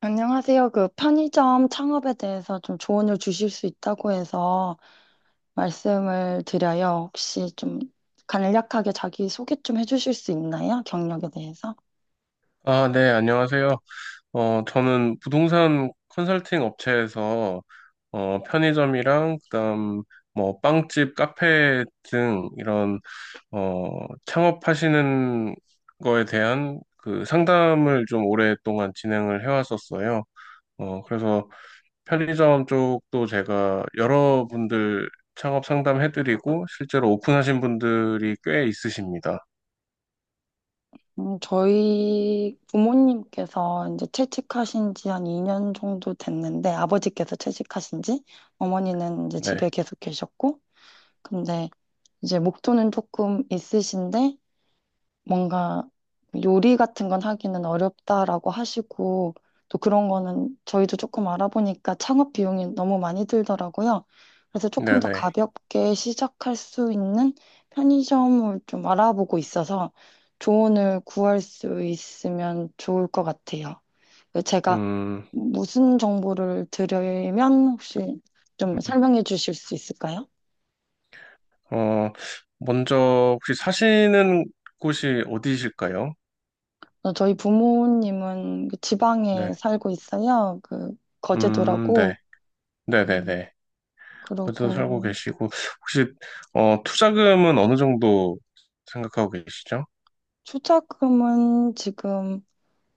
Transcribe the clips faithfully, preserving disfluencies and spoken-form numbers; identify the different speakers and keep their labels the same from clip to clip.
Speaker 1: 안녕하세요. 그 편의점 창업에 대해서 좀 조언을 주실 수 있다고 해서 말씀을 드려요. 혹시 좀 간략하게 자기 소개 좀 해주실 수 있나요? 경력에 대해서?
Speaker 2: 아, 네, 안녕하세요. 어, 저는 부동산 컨설팅 업체에서 어, 편의점이랑 그다음 뭐 빵집, 카페 등 이런 어, 창업하시는 거에 대한 그 상담을 좀 오랫동안 진행을 해왔었어요. 어, 그래서 편의점 쪽도 제가 여러분들 창업 상담해드리고 실제로 오픈하신 분들이 꽤 있으십니다.
Speaker 1: 음, 저희 부모님께서 이제 퇴직하신 지 한 이 년 정도 됐는데 아버지께서 퇴직하신 지 어머니는 이제 집에
Speaker 2: 네,
Speaker 1: 계속 계셨고 근데 이제 목표는 조금 있으신데 뭔가 요리 같은 건 하기는 어렵다라고 하시고 또 그런 거는 저희도 조금 알아보니까 창업 비용이 너무 많이 들더라고요. 그래서 조금
Speaker 2: 네,
Speaker 1: 더
Speaker 2: 네.
Speaker 1: 가볍게 시작할 수 있는 편의점을 좀 알아보고 있어서 조언을 구할 수 있으면 좋을 것 같아요. 제가
Speaker 2: 음.
Speaker 1: 무슨 정보를 드리면 혹시 좀 설명해 주실 수 있을까요?
Speaker 2: 어, 먼저 혹시 사시는 곳이 어디실까요?
Speaker 1: 어, 저희 부모님은 그 지방에
Speaker 2: 네.
Speaker 1: 살고 있어요. 그
Speaker 2: 음,
Speaker 1: 거제도라고.
Speaker 2: 네. 네네네.
Speaker 1: 음.
Speaker 2: 거것도 살고
Speaker 1: 그러고
Speaker 2: 계시고, 혹시, 어, 투자금은 어느 정도 생각하고 계시죠?
Speaker 1: 투자금은 지금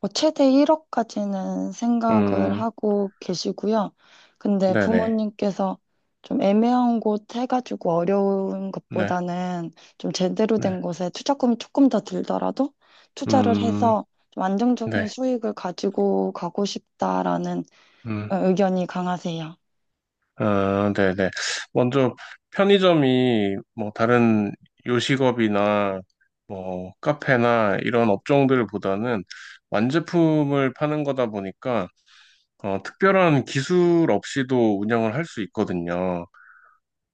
Speaker 1: 뭐 최대 일억까지는 생각을
Speaker 2: 음,
Speaker 1: 하고 계시고요. 근데
Speaker 2: 네네.
Speaker 1: 부모님께서 좀 애매한 곳 해가지고 어려운
Speaker 2: 네,
Speaker 1: 것보다는 좀 제대로 된
Speaker 2: 네.
Speaker 1: 곳에 투자금이 조금 더 들더라도 투자를
Speaker 2: 음,
Speaker 1: 해서 좀 안정적인
Speaker 2: 네.
Speaker 1: 수익을 가지고 가고 싶다라는
Speaker 2: 음,
Speaker 1: 의견이 강하세요.
Speaker 2: 아, 네네. 먼저 편의점이 뭐 다른 요식업이나 뭐 카페나 이런 업종들보다는 완제품을 파는 거다 보니까 어, 특별한 기술 없이도 운영을 할 수 있거든요.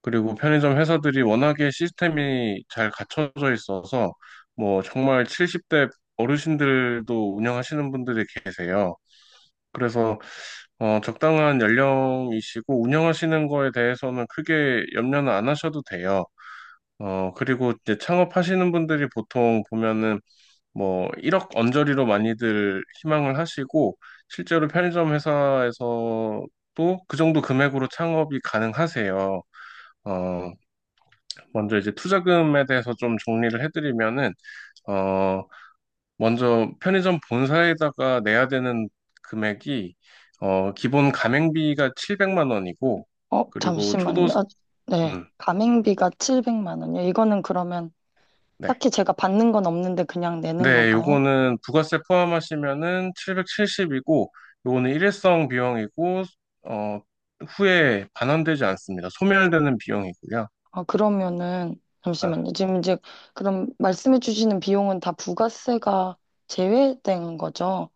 Speaker 2: 그리고 편의점 회사들이 워낙에 시스템이 잘 갖춰져 있어서 뭐 정말 칠십 대 어르신들도 운영하시는 분들이 계세요. 그래서 어, 적당한 연령이시고 운영하시는 거에 대해서는 크게 염려는 안 하셔도 돼요. 어, 그리고 이제 창업하시는 분들이 보통 보면은 뭐 일억 언저리로 많이들 희망을 하시고 실제로 편의점 회사에서도 그 정도 금액으로 창업이 가능하세요. 어, 먼저 이제 투자금에 대해서 좀 정리를 해드리면은 어, 먼저 편의점 본사에다가 내야 되는 금액이 어, 기본 가맹비가 칠백만 원이고,
Speaker 1: 어,
Speaker 2: 그리고 초도.
Speaker 1: 잠시만요. 아, 네.
Speaker 2: 음,
Speaker 1: 가맹비가 칠백만 원이요. 이거는 그러면
Speaker 2: 네.
Speaker 1: 딱히 제가 받는 건 없는데 그냥 내는
Speaker 2: 네,
Speaker 1: 건가요?
Speaker 2: 요거는 부가세 포함하시면은 칠백칠십이고, 요거는 일회성 비용이고, 어, 후에 반환되지 않습니다. 소멸되는 비용이고요.
Speaker 1: 아, 그러면은
Speaker 2: 아,
Speaker 1: 잠시만요. 지금 이제 그럼 말씀해 주시는 비용은 다 부가세가 제외된 거죠?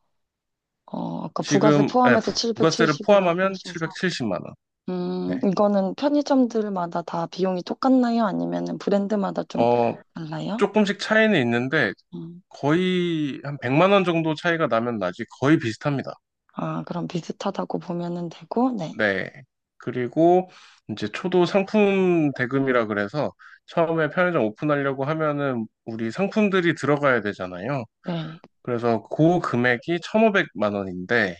Speaker 1: 어, 아까 부가세
Speaker 2: 지금, 네,
Speaker 1: 포함해서
Speaker 2: 부- 부가세를
Speaker 1: 칠백칠십이라고
Speaker 2: 포함하면
Speaker 1: 하셔서.
Speaker 2: 칠백칠십만 원.
Speaker 1: 음,
Speaker 2: 네.
Speaker 1: 이거는 편의점들마다 다 비용이 똑같나요? 아니면은 브랜드마다 좀
Speaker 2: 어,
Speaker 1: 달라요?
Speaker 2: 조금씩 차이는 있는데,
Speaker 1: 음,
Speaker 2: 거의 한 백만 원 정도 차이가 나면 나지 거의 비슷합니다.
Speaker 1: 아, 그럼 비슷하다고 보면은 되고, 네.
Speaker 2: 네. 그리고 이제 초도 상품 대금이라 그래서 처음에 편의점 오픈하려고 하면은 우리 상품들이 들어가야 되잖아요.
Speaker 1: 네.
Speaker 2: 그래서 그 금액이 천오백만 원인데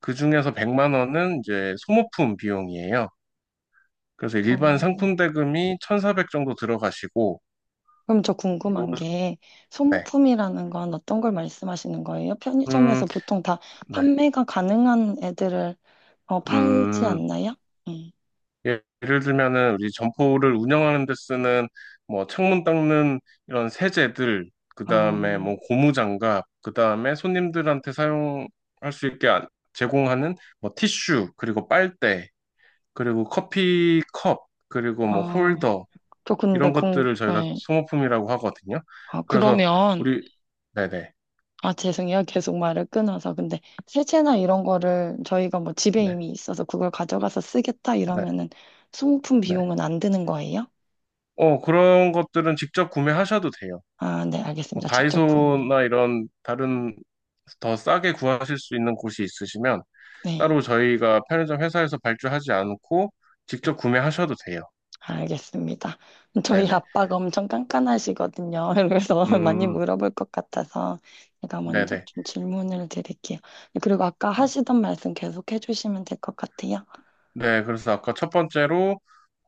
Speaker 2: 그중에서 백만 원은 이제 소모품 비용이에요. 그래서 일반
Speaker 1: 어,
Speaker 2: 상품 대금이 천사백 정도 들어가시고.
Speaker 1: 그럼 저
Speaker 2: 요-
Speaker 1: 궁금한 게
Speaker 2: 네.
Speaker 1: 소모품이라는 건 어떤 걸 말씀하시는 거예요?
Speaker 2: 음,
Speaker 1: 편의점에서 보통 다
Speaker 2: 네.
Speaker 1: 판매가 가능한 애들을 어, 팔지
Speaker 2: 음,
Speaker 1: 않나요? 음.
Speaker 2: 예- 예를 들면은 우리 점포를 운영하는 데 쓰는 뭐 창문 닦는 이런 세제들,
Speaker 1: 어,
Speaker 2: 그다음에 뭐 고무장갑, 그다음에 손님들한테 사용할 수 있게 안- 제공하는 뭐 티슈, 그리고 빨대, 그리고 커피 컵, 그리고 뭐
Speaker 1: 어,
Speaker 2: 홀더,
Speaker 1: 저 근데
Speaker 2: 이런
Speaker 1: 궁,
Speaker 2: 것들을 저희가
Speaker 1: 네.
Speaker 2: 소모품이라고 하거든요.
Speaker 1: 아,
Speaker 2: 그래서
Speaker 1: 그러면
Speaker 2: 우리. 네네.
Speaker 1: 아 죄송해요 계속 말을 끊어서 근데 세제나 이런 거를 저희가 뭐 집에
Speaker 2: 네네.
Speaker 1: 이미 있어서 그걸 가져가서 쓰겠다
Speaker 2: 네.
Speaker 1: 이러면은 소모품
Speaker 2: 네.
Speaker 1: 비용은 안 드는 거예요?
Speaker 2: 어 그런 것들은 직접 구매하셔도 돼요.
Speaker 1: 아, 네
Speaker 2: 뭐
Speaker 1: 알겠습니다. 직접 구매.
Speaker 2: 다이소나 이런 다른 더 싸게 구하실 수 있는 곳이 있으시면
Speaker 1: 네.
Speaker 2: 따로 저희가 편의점 회사에서 발주하지 않고 직접 구매하셔도 돼요.
Speaker 1: 알겠습니다. 저희
Speaker 2: 네네.
Speaker 1: 아빠가 엄청 깐깐하시거든요. 그래서 많이
Speaker 2: 음,
Speaker 1: 물어볼 것 같아서 제가 먼저
Speaker 2: 네네.
Speaker 1: 좀 질문을 드릴게요. 그리고 아까
Speaker 2: 음,
Speaker 1: 하시던 말씀 계속 해주시면 될 것 같아요.
Speaker 2: 네, 그래서 아까 첫 번째로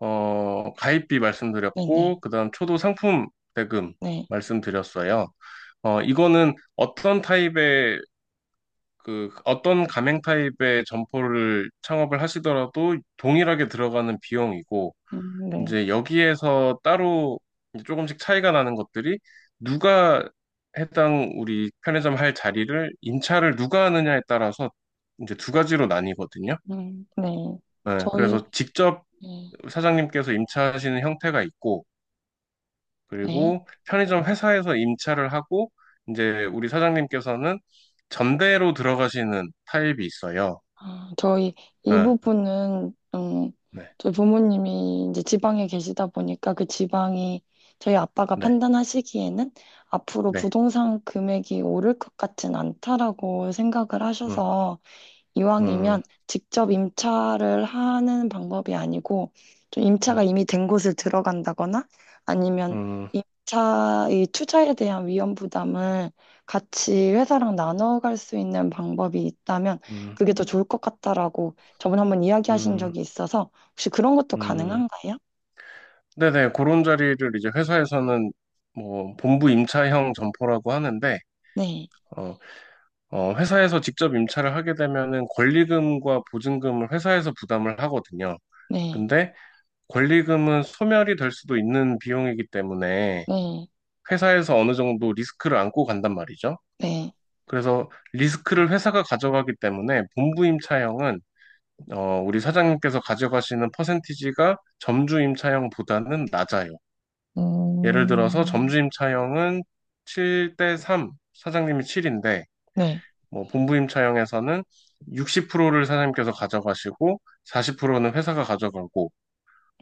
Speaker 2: 어 가입비
Speaker 1: 네네.
Speaker 2: 말씀드렸고 그다음 초도 상품 대금
Speaker 1: 네.
Speaker 2: 말씀드렸어요. 어, 이거는 어떤 타입의, 그 어떤 가맹 타입의 점포를 창업을 하시더라도 동일하게 들어가는 비용이고,
Speaker 1: 음, 네.
Speaker 2: 이제 여기에서 따로 이제 조금씩 차이가 나는 것들이, 누가 해당 우리 편의점 할 자리를 임차를 누가 하느냐에 따라서 이제 두 가지로 나뉘거든요.
Speaker 1: 음, 네.
Speaker 2: 네,
Speaker 1: 저희,
Speaker 2: 그래서 직접
Speaker 1: 네.
Speaker 2: 사장님께서 임차하시는 형태가 있고,
Speaker 1: 네.
Speaker 2: 그리고 편의점 회사에서 임차를 하고 이제 우리 사장님께서는 전대로 들어가시는 타입이 있어요.
Speaker 1: 아, 저희 이
Speaker 2: 아,
Speaker 1: 부분은 음,
Speaker 2: 네,
Speaker 1: 저희 부모님이 이제 지방에 계시다 보니까 그 지방이 저희 아빠가
Speaker 2: 네,
Speaker 1: 판단하시기에는 앞으로
Speaker 2: 네.
Speaker 1: 부동산 금액이 오를 것 같진 않다라고 생각을
Speaker 2: 음,
Speaker 1: 하셔서 이왕이면
Speaker 2: 음,
Speaker 1: 직접 임차를 하는 방법이 아니고 좀 임차가
Speaker 2: 음,
Speaker 1: 이미 된 곳을 들어간다거나 아니면
Speaker 2: 음,
Speaker 1: 임차의 투자에 대한 위험 부담을 같이 회사랑 나눠갈 수 있는 방법이 있다면
Speaker 2: 음,
Speaker 1: 그게 더 좋을 것 같다라고 저번에 한번 이야기하신
Speaker 2: 음,
Speaker 1: 적이 있어서 혹시 그런 것도
Speaker 2: 음.
Speaker 1: 가능한가요?
Speaker 2: 네네, 그런 자리를 이제 회사에서는 뭐 본부 임차형 점포라고 하는데,
Speaker 1: 네,
Speaker 2: 어, 어, 회사에서 직접 임차를 하게 되면은 권리금과 보증금을 회사에서 부담을 하거든요.
Speaker 1: 네,
Speaker 2: 근데 권리금은 소멸이 될 수도 있는 비용이기 때문에
Speaker 1: 네,
Speaker 2: 회사에서 어느 정도 리스크를 안고 간단 말이죠.
Speaker 1: 네,
Speaker 2: 그래서 리스크를 회사가 가져가기 때문에 본부 임차형은 어, 우리 사장님께서 가져가시는 퍼센티지가 점주 임차형보다는 낮아요. 예를 들어서
Speaker 1: 음,
Speaker 2: 점주 임차형은 칠 대 삼, 사장님이 칠인데,
Speaker 1: 네.
Speaker 2: 뭐 본부 임차형에서는 육십 퍼센트를 사장님께서 가져가시고 사십 퍼센트는 회사가 가져가고,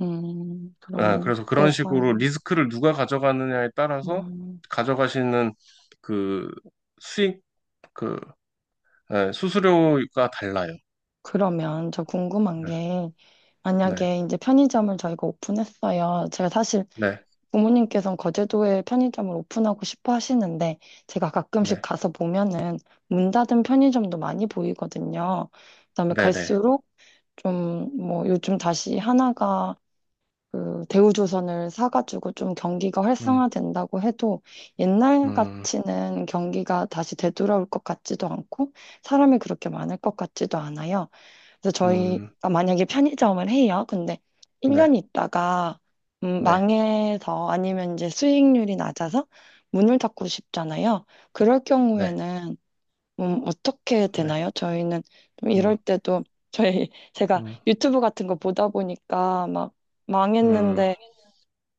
Speaker 1: 음,
Speaker 2: 아,
Speaker 1: 그럼
Speaker 2: 그래서 그런
Speaker 1: 회사,
Speaker 2: 식으로 리스크를 누가 가져가느냐에 따라서
Speaker 1: 음,
Speaker 2: 가져가시는 그 수익, 그 네, 수수료가 달라요.
Speaker 1: 그러면 저 궁금한
Speaker 2: 네,
Speaker 1: 게
Speaker 2: 네,
Speaker 1: 만약에 이제 편의점을 저희가 오픈했어요. 제가 사실
Speaker 2: 네,
Speaker 1: 부모님께서는 거제도에 편의점을 오픈하고 싶어 하시는데 제가 가끔씩
Speaker 2: 네,
Speaker 1: 가서 보면은 문 닫은 편의점도 많이 보이거든요. 그다음에
Speaker 2: 네, 네.
Speaker 1: 갈수록 좀 뭐 요즘 다시 하나가 그 대우조선을 사가지고 좀 경기가
Speaker 2: 음,
Speaker 1: 활성화된다고 해도 옛날
Speaker 2: 음,
Speaker 1: 같이는 경기가 다시 되돌아올 것 같지도 않고 사람이 그렇게 많을 것 같지도 않아요. 그래서
Speaker 2: 음,
Speaker 1: 저희가 만약에 편의점을 해요. 근데 일 년
Speaker 2: 네,
Speaker 1: 있다가 음,
Speaker 2: 네,
Speaker 1: 망해서 아니면 이제 수익률이 낮아서 문을 닫고 싶잖아요. 그럴
Speaker 2: 네,
Speaker 1: 경우에는 음, 어떻게
Speaker 2: 네,
Speaker 1: 되나요? 저희는 좀
Speaker 2: 음,
Speaker 1: 이럴 때도 저희 제가
Speaker 2: 음,
Speaker 1: 유튜브 같은 거 보다 보니까 막
Speaker 2: 음,
Speaker 1: 망했는데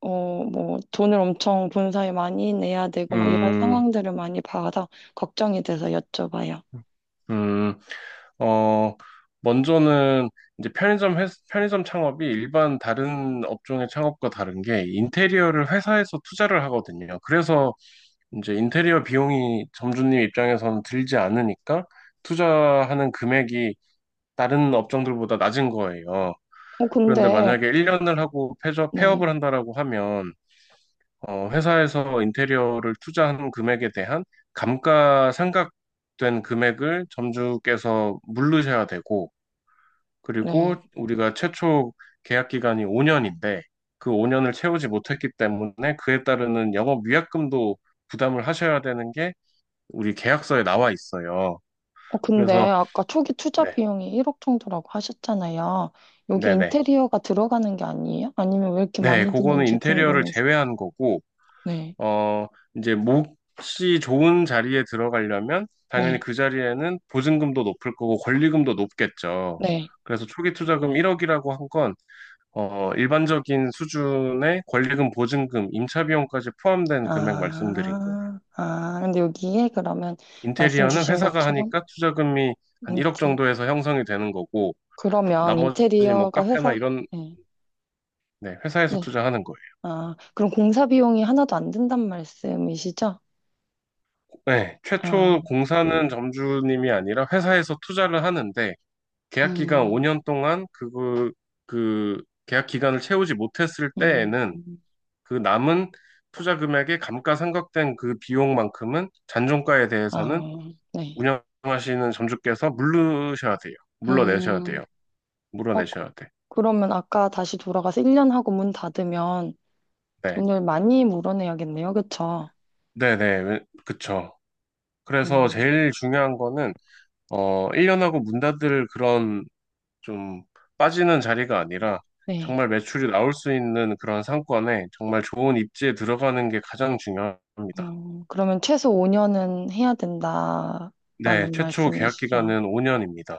Speaker 1: 어, 뭐 돈을 엄청 본사에 많이 내야 되고 막 이런
Speaker 2: 음,
Speaker 1: 상황들을 많이 봐서 걱정이 돼서 여쭤봐요.
Speaker 2: 음. 어, 먼저는 이제 편의점 회, 편의점 창업이 일반 다른 업종의 창업과 다른 게 인테리어를 회사에서 투자를 하거든요. 그래서 이제 인테리어 비용이 점주님 입장에서는 들지 않으니까 투자하는 금액이 다른 업종들보다 낮은 거예요.
Speaker 1: 어,
Speaker 2: 그런데
Speaker 1: 근데
Speaker 2: 만약에 일 년을 하고 폐업,
Speaker 1: 네,
Speaker 2: 폐업을 한다라고 하면 어, 회사에서 인테리어를 투자한 금액에 대한 감가상각된 금액을 점주께서 물르셔야 되고, 그리고
Speaker 1: 네.
Speaker 2: 우리가 최초 계약 기간이 오 년인데 그 오 년을 채우지 못했기 때문에 그에 따르는 영업 위약금도 부담을 하셔야 되는 게 우리 계약서에 나와 있어요.
Speaker 1: 어, 근데
Speaker 2: 그래서.
Speaker 1: 아까 초기 투자
Speaker 2: 네,
Speaker 1: 비용이 일억 정도라고 하셨잖아요. 여기
Speaker 2: 네, 네.
Speaker 1: 인테리어가 들어가는 게 아니에요? 아니면 왜 이렇게
Speaker 2: 네,
Speaker 1: 많이
Speaker 2: 그거는
Speaker 1: 드는지
Speaker 2: 인테리어를
Speaker 1: 궁금해서.
Speaker 2: 제외한 거고,
Speaker 1: 네,
Speaker 2: 어, 이제 몫이 좋은 자리에 들어가려면 당연히
Speaker 1: 네,
Speaker 2: 그 자리에는 보증금도 높을 거고 권리금도 높겠죠.
Speaker 1: 네.
Speaker 2: 그래서 초기 투자금 일억이라고 한 건, 어, 일반적인 수준의 권리금, 보증금, 임차 비용까지 포함된 금액 말씀드린 거예요.
Speaker 1: 아, 아, 근데 여기에 그러면 말씀
Speaker 2: 인테리어는
Speaker 1: 주신
Speaker 2: 회사가
Speaker 1: 것처럼
Speaker 2: 하니까 투자금이 한 일억
Speaker 1: 인테,
Speaker 2: 정도에서 형성이 되는 거고,
Speaker 1: 그러면
Speaker 2: 나머지 뭐
Speaker 1: 인테리어가
Speaker 2: 카페나
Speaker 1: 회사,
Speaker 2: 이런,
Speaker 1: 네,
Speaker 2: 네, 회사에서
Speaker 1: 네.
Speaker 2: 투자하는 거예요.
Speaker 1: 아, 그럼 공사 비용이 하나도 안 든단 말씀이시죠?
Speaker 2: 네,
Speaker 1: 아,
Speaker 2: 최초 공사는 점주님이 아니라 회사에서 투자를 하는데, 계약 기간
Speaker 1: 음,
Speaker 2: 오 년 동안 그, 그 계약 기간을 채우지 못했을
Speaker 1: 음,
Speaker 2: 때에는
Speaker 1: 음.
Speaker 2: 그 남은 투자 금액의 감가상각된 그 비용만큼은, 잔존가에 대해서는
Speaker 1: 아, 네.
Speaker 2: 운영하시는 점주께서 물르셔야 돼요. 물러내셔야
Speaker 1: 음.
Speaker 2: 돼요.
Speaker 1: 어,
Speaker 2: 물어내셔야 돼.
Speaker 1: 그- 러면 아까 다시 돌아가서 일 년 하고 문 닫으면
Speaker 2: 네.
Speaker 1: 돈을 많이 물어내야겠네요. 그쵸?
Speaker 2: 네네. 그쵸. 그래서
Speaker 1: 음,
Speaker 2: 제일 중요한 거는, 어, 일 년하고 문 닫을 그런 좀 빠지는 자리가 아니라
Speaker 1: 네.
Speaker 2: 정말 매출이 나올 수 있는 그런 상권에 정말 좋은 입지에 들어가는 게 가장 중요합니다.
Speaker 1: 음, 그러면 최소 오 년은 해야
Speaker 2: 네,
Speaker 1: 된다라는
Speaker 2: 최초 계약
Speaker 1: 말씀이시죠?
Speaker 2: 기간은 오 년입니다.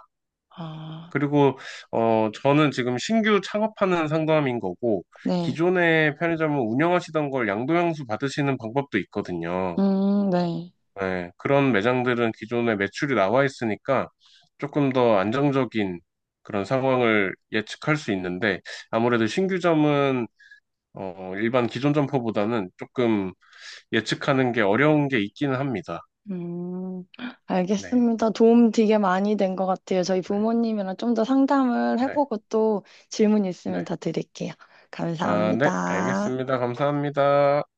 Speaker 1: 아,
Speaker 2: 그리고 어 저는 지금 신규 창업하는 상담인 거고,
Speaker 1: 네.
Speaker 2: 기존의 편의점을 운영하시던 걸 양도양수 받으시는 방법도 있거든요.
Speaker 1: 음, 네.
Speaker 2: 네, 그런 매장들은 기존에 매출이 나와 있으니까 조금 더 안정적인 그런 상황을 예측할 수 있는데, 아무래도 신규점은 어, 일반 기존 점퍼보다는 조금 예측하는 게 어려운 게 있기는 합니다.
Speaker 1: 음,
Speaker 2: 네,
Speaker 1: 알겠습니다. 도움 되게 많이 된 것 같아요. 저희
Speaker 2: 네,
Speaker 1: 부모님이랑 좀 더 상담을
Speaker 2: 네,
Speaker 1: 해보고 또 질문 있으면
Speaker 2: 네.
Speaker 1: 더 드릴게요.
Speaker 2: 아, 네,
Speaker 1: 감사합니다.
Speaker 2: 알겠습니다. 감사합니다.